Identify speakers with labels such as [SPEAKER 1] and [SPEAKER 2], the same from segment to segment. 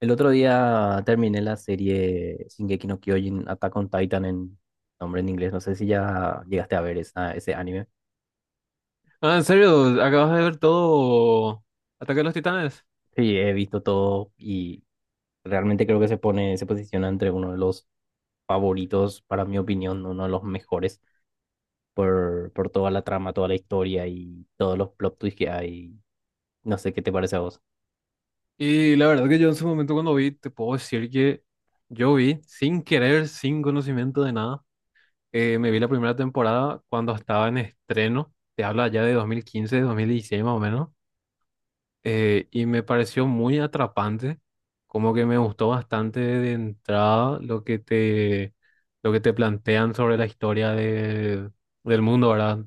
[SPEAKER 1] El otro día terminé la serie Shingeki no Kyojin, Attack on Titan en nombre en inglés. No sé si ya llegaste a ver esa, ese anime.
[SPEAKER 2] Ah, ¿en serio, acabas de ver todo Ataque a los Titanes?
[SPEAKER 1] Sí, he visto todo y realmente creo que se pone, se posiciona entre uno de los favoritos, para mi opinión, uno de los mejores por toda la trama, toda la historia y todos los plot twists que hay. No sé qué te parece a vos.
[SPEAKER 2] Y la verdad que yo en su momento cuando vi, te puedo decir que yo vi, sin querer, sin conocimiento de nada, me vi la primera temporada cuando estaba en estreno. Te habla ya de 2015, 2016 más o menos, y me pareció muy atrapante. Como que me gustó bastante de entrada lo que te plantean sobre la historia del mundo, ¿verdad?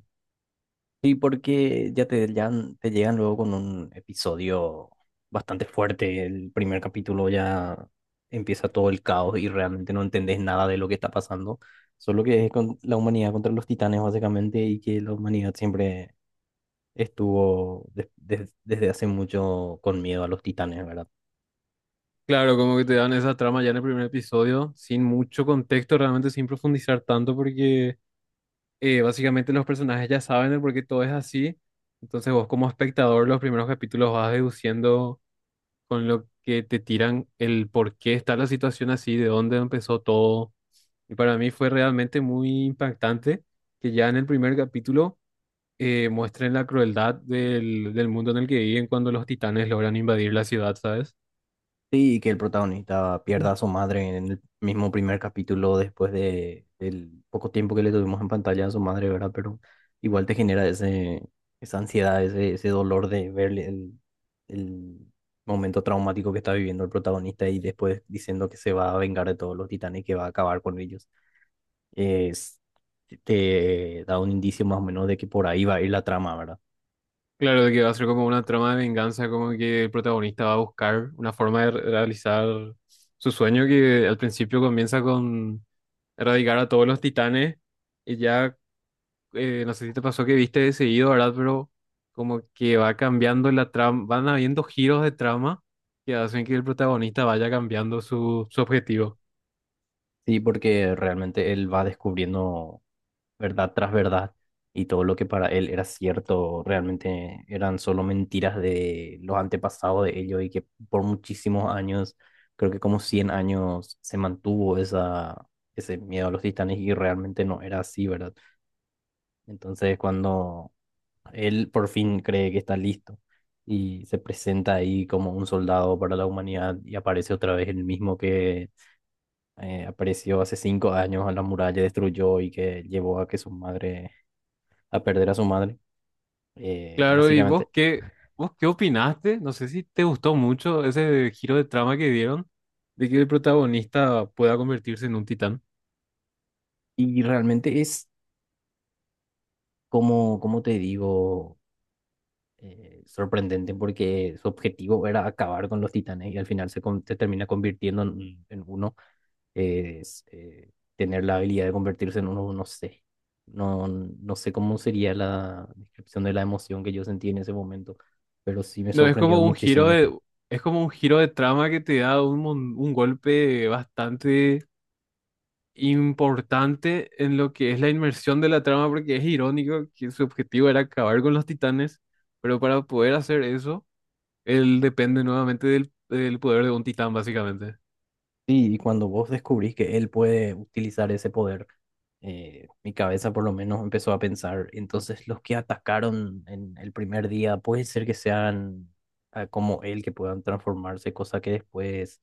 [SPEAKER 1] Sí, porque ya te, te llegan luego con un episodio bastante fuerte. El primer capítulo ya empieza todo el caos y realmente no entendés nada de lo que está pasando. Solo que es con la humanidad contra los titanes, básicamente, y que la humanidad siempre estuvo desde hace mucho con miedo a los titanes, ¿verdad?
[SPEAKER 2] Claro, como que te dan esa trama ya en el primer episodio, sin mucho contexto, realmente sin profundizar tanto, porque básicamente los personajes ya saben el por qué todo es así. Entonces vos como espectador los primeros capítulos vas deduciendo con lo que te tiran el por qué está la situación así, de dónde empezó todo. Y para mí fue realmente muy impactante que ya en el primer capítulo muestren la crueldad del mundo en el que viven cuando los titanes logran invadir la ciudad, ¿sabes?
[SPEAKER 1] Sí, y que el protagonista pierda a su madre en el mismo primer capítulo después de, del poco tiempo que le tuvimos en pantalla a su madre, ¿verdad? Pero igual te genera esa ansiedad, ese dolor de verle el momento traumático que está viviendo el protagonista y después diciendo que se va a vengar de todos los titanes que va a acabar con ellos. Es, te da un indicio más o menos de que por ahí va a ir la trama, ¿verdad?
[SPEAKER 2] Claro, de que va a ser como una trama de venganza, como que el protagonista va a buscar una forma de realizar su sueño, que al principio comienza con erradicar a todos los titanes y ya. No sé si te pasó que viste de seguido, ¿verdad? Pero como que va cambiando la trama, van habiendo giros de trama que hacen que el protagonista vaya cambiando su objetivo.
[SPEAKER 1] Sí, porque realmente él va descubriendo, verdad tras verdad, y todo lo que para él era cierto realmente eran solo mentiras de los antepasados de ellos y que por muchísimos años, creo que como 100 años, se mantuvo esa, ese miedo a los titanes y realmente no era así, ¿verdad? Entonces, cuando él por fin cree que está listo y se presenta ahí como un soldado para la humanidad, y aparece otra vez el mismo que apareció hace cinco años a la muralla, destruyó y que llevó a que su madre a perder a su madre,
[SPEAKER 2] Claro, ¿y
[SPEAKER 1] básicamente.
[SPEAKER 2] vos qué opinaste? No sé si te gustó mucho ese giro de trama que dieron, de que el protagonista pueda convertirse en un titán.
[SPEAKER 1] Y realmente es como, como te digo, sorprendente porque su objetivo era acabar con los titanes y al final se, se termina convirtiendo en uno. Tener la habilidad de convertirse en uno, no sé. No, sé cómo sería la descripción de la emoción que yo sentí en ese momento, pero sí me
[SPEAKER 2] No,
[SPEAKER 1] sorprendió muchísimo.
[SPEAKER 2] es como un giro de trama que te da un golpe bastante importante en lo que es la inmersión de la trama, porque es irónico que su objetivo era acabar con los titanes, pero para poder hacer eso, él depende nuevamente del poder de un titán, básicamente.
[SPEAKER 1] Sí, y cuando vos descubrís que él puede utilizar ese poder, mi cabeza por lo menos empezó a pensar, entonces los que atacaron en el primer día puede ser que sean, ah, como él, que puedan transformarse, cosa que después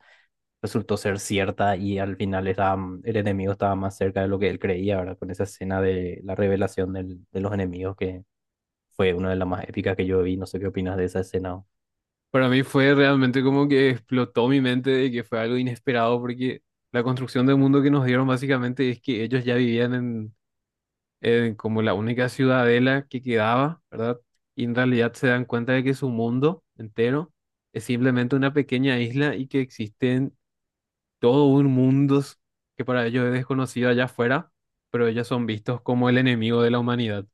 [SPEAKER 1] resultó ser cierta y al final el enemigo estaba más cerca de lo que él creía, ¿verdad? Con esa escena de la revelación de los enemigos, que fue una de las más épicas que yo vi. No sé qué opinas de esa escena.
[SPEAKER 2] Para mí fue realmente como que explotó mi mente de que fue algo inesperado, porque la construcción del mundo que nos dieron básicamente es que ellos ya vivían como la única ciudadela que quedaba, ¿verdad? Y en realidad se dan cuenta de que su mundo entero es simplemente una pequeña isla y que existen todo un mundo que para ellos es desconocido allá afuera, pero ellos son vistos como el enemigo de la humanidad.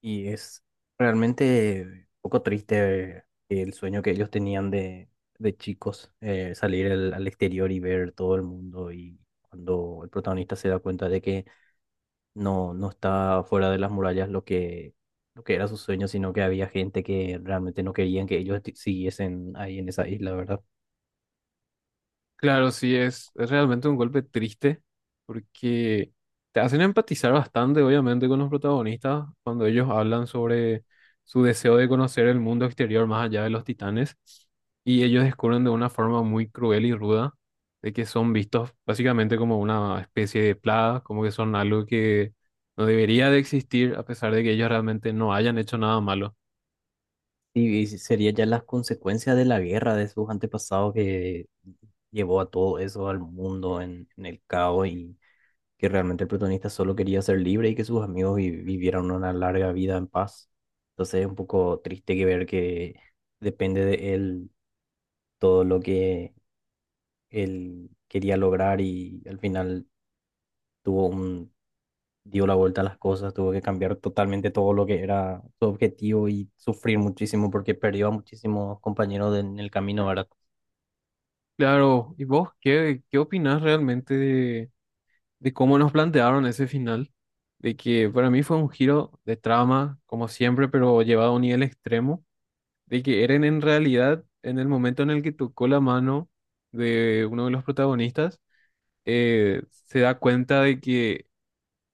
[SPEAKER 1] Y es realmente un poco triste que el sueño que ellos tenían de chicos, salir al, al exterior y ver todo el mundo. Y cuando el protagonista se da cuenta de que no, no está fuera de las murallas lo que era su sueño, sino que había gente que realmente no querían que ellos siguiesen ahí en esa isla, ¿verdad?
[SPEAKER 2] Claro, sí, es realmente un golpe triste, porque te hacen empatizar bastante, obviamente, con los protagonistas cuando ellos hablan sobre su deseo de conocer el mundo exterior más allá de los titanes, y ellos descubren de una forma muy cruel y ruda de que son vistos básicamente como una especie de plaga, como que son algo que no debería de existir a pesar de que ellos realmente no hayan hecho nada malo.
[SPEAKER 1] Y sería ya las consecuencias de la guerra de sus antepasados, que llevó a todo eso al mundo en el caos, y que realmente el protagonista solo quería ser libre y que sus amigos vivieran una larga vida en paz. Entonces es un poco triste que ver que depende de él todo lo que él quería lograr, y al final tuvo un, dio la vuelta a las cosas, tuvo que cambiar totalmente todo lo que era su objetivo y sufrir muchísimo porque perdió a muchísimos compañeros en el camino, ¿verdad?
[SPEAKER 2] Claro, ¿y vos qué, qué opinás realmente de cómo nos plantearon ese final? De que para mí fue un giro de trama, como siempre, pero llevado a un nivel extremo, de que Eren en realidad, en el momento en el que tocó la mano de uno de los protagonistas, se da cuenta de que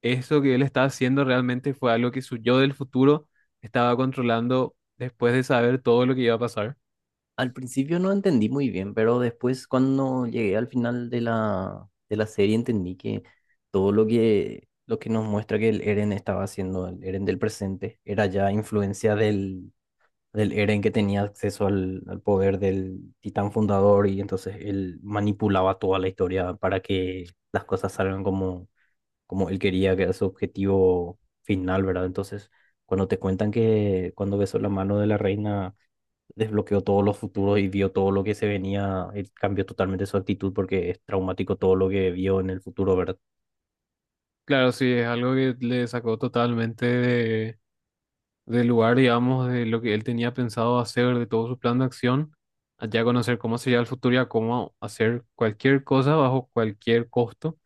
[SPEAKER 2] eso que él estaba haciendo realmente fue algo que su yo del futuro estaba controlando después de saber todo lo que iba a pasar.
[SPEAKER 1] Al principio no entendí muy bien, pero después, cuando llegué al final de la serie, entendí que todo lo que nos muestra que el Eren estaba haciendo, el Eren del presente, era ya influencia del, del Eren que tenía acceso al, al poder del Titán Fundador, y entonces él manipulaba toda la historia para que las cosas salgan como, como él quería, que era su objetivo final, ¿verdad? Entonces, cuando te cuentan que cuando besó la mano de la reina desbloqueó todos los futuros y vio todo lo que se venía, él cambió totalmente su actitud, porque es traumático todo lo que vio en el futuro, ¿verdad?
[SPEAKER 2] Claro, sí, es algo que le sacó totalmente del lugar, digamos, de lo que él tenía pensado hacer, de todo su plan de acción, allá conocer cómo sería el futuro y a cómo hacer cualquier cosa bajo cualquier costo,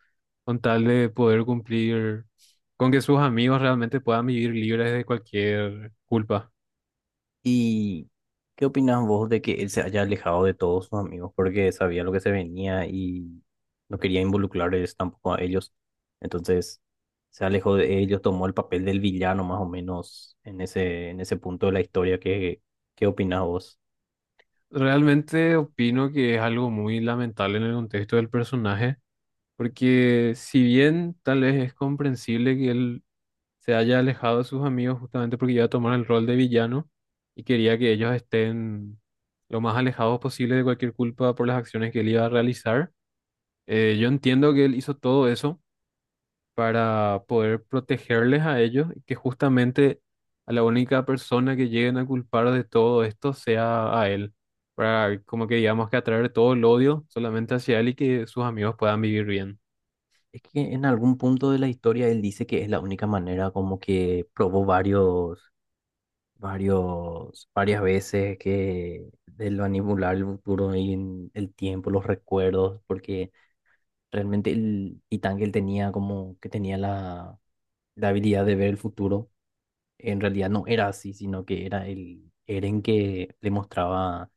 [SPEAKER 2] con tal de poder cumplir, con que sus amigos realmente puedan vivir libres de cualquier culpa.
[SPEAKER 1] ¿Y qué opinas vos de que él se haya alejado de todos sus amigos porque sabía lo que se venía y no quería involucrarles tampoco a ellos? Entonces se alejó de ellos, tomó el papel del villano más o menos en ese punto de la historia. ¿Qué, qué opinas vos?
[SPEAKER 2] Realmente opino que es algo muy lamentable en el contexto del personaje, porque si bien tal vez es comprensible que él se haya alejado de sus amigos justamente porque iba a tomar el rol de villano, y quería que ellos estén lo más alejados posible de cualquier culpa por las acciones que él iba a realizar. Yo entiendo que él hizo todo eso para poder protegerles a ellos, y que justamente a la única persona que lleguen a culpar de todo esto sea a él, para como que digamos, que atraer todo el odio solamente hacia él y que sus amigos puedan vivir bien.
[SPEAKER 1] Es que en algún punto de la historia él dice que es la única manera, como que probó varios varias veces que de lo manipular el futuro y en el tiempo, los recuerdos, porque realmente el titán que él tenía, como que tenía la, la habilidad de ver el futuro, en realidad no era así, sino que era el Eren que le mostraba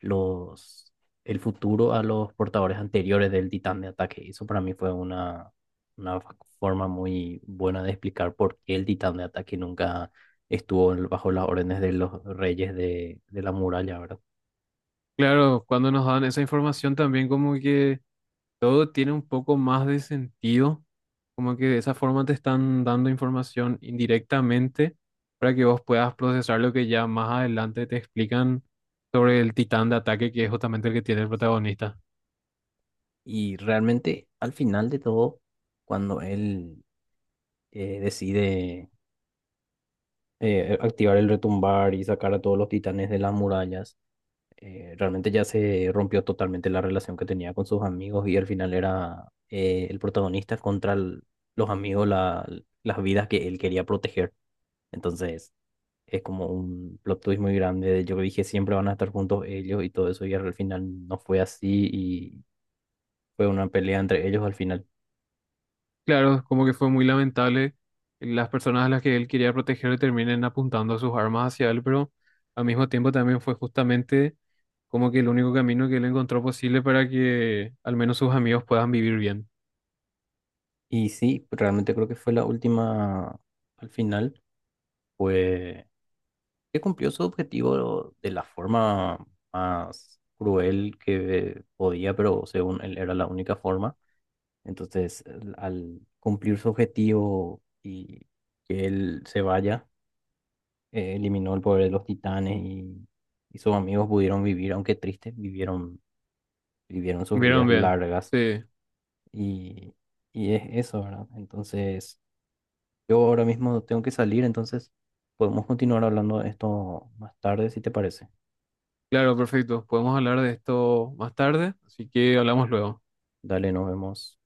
[SPEAKER 1] los, el futuro a los portadores anteriores del titán de ataque. Y eso para mí fue una forma muy buena de explicar por qué el titán de ataque nunca estuvo bajo las órdenes de los reyes de la muralla, ¿verdad?
[SPEAKER 2] Claro, cuando nos dan esa información también, como que todo tiene un poco más de sentido, como que de esa forma te están dando información indirectamente para que vos puedas procesar lo que ya más adelante te explican sobre el titán de ataque, que es justamente el que tiene el protagonista.
[SPEAKER 1] Y realmente al final de todo, cuando él decide activar el retumbar y sacar a todos los titanes de las murallas, realmente ya se rompió totalmente la relación que tenía con sus amigos, y al final era, el protagonista contra los amigos, las vidas que él quería proteger. Entonces es como un plot twist muy grande. De Yo dije siempre van a estar juntos ellos y todo eso, y al final no fue así y fue una pelea entre ellos al final.
[SPEAKER 2] Claro, como que fue muy lamentable, las personas a las que él quería proteger le terminen apuntando sus armas hacia él, pero al mismo tiempo también fue justamente como que el único camino que él encontró posible para que al menos sus amigos puedan vivir bien.
[SPEAKER 1] Y sí, realmente creo que fue la última al final. Fue que cumplió su objetivo de la forma más cruel que podía, pero según él era la única forma. Entonces, al cumplir su objetivo y que él se vaya, eliminó el poder de los titanes, y sus amigos pudieron vivir, aunque tristes, vivieron, vivieron sus
[SPEAKER 2] ¿Vieron
[SPEAKER 1] vidas
[SPEAKER 2] bien?
[SPEAKER 1] largas
[SPEAKER 2] Sí,
[SPEAKER 1] y, y es eso, ¿verdad? Entonces, yo ahora mismo tengo que salir, entonces podemos continuar hablando de esto más tarde, si te parece.
[SPEAKER 2] claro, perfecto. Podemos hablar de esto más tarde, así que hablamos luego.
[SPEAKER 1] Dale, nos vemos.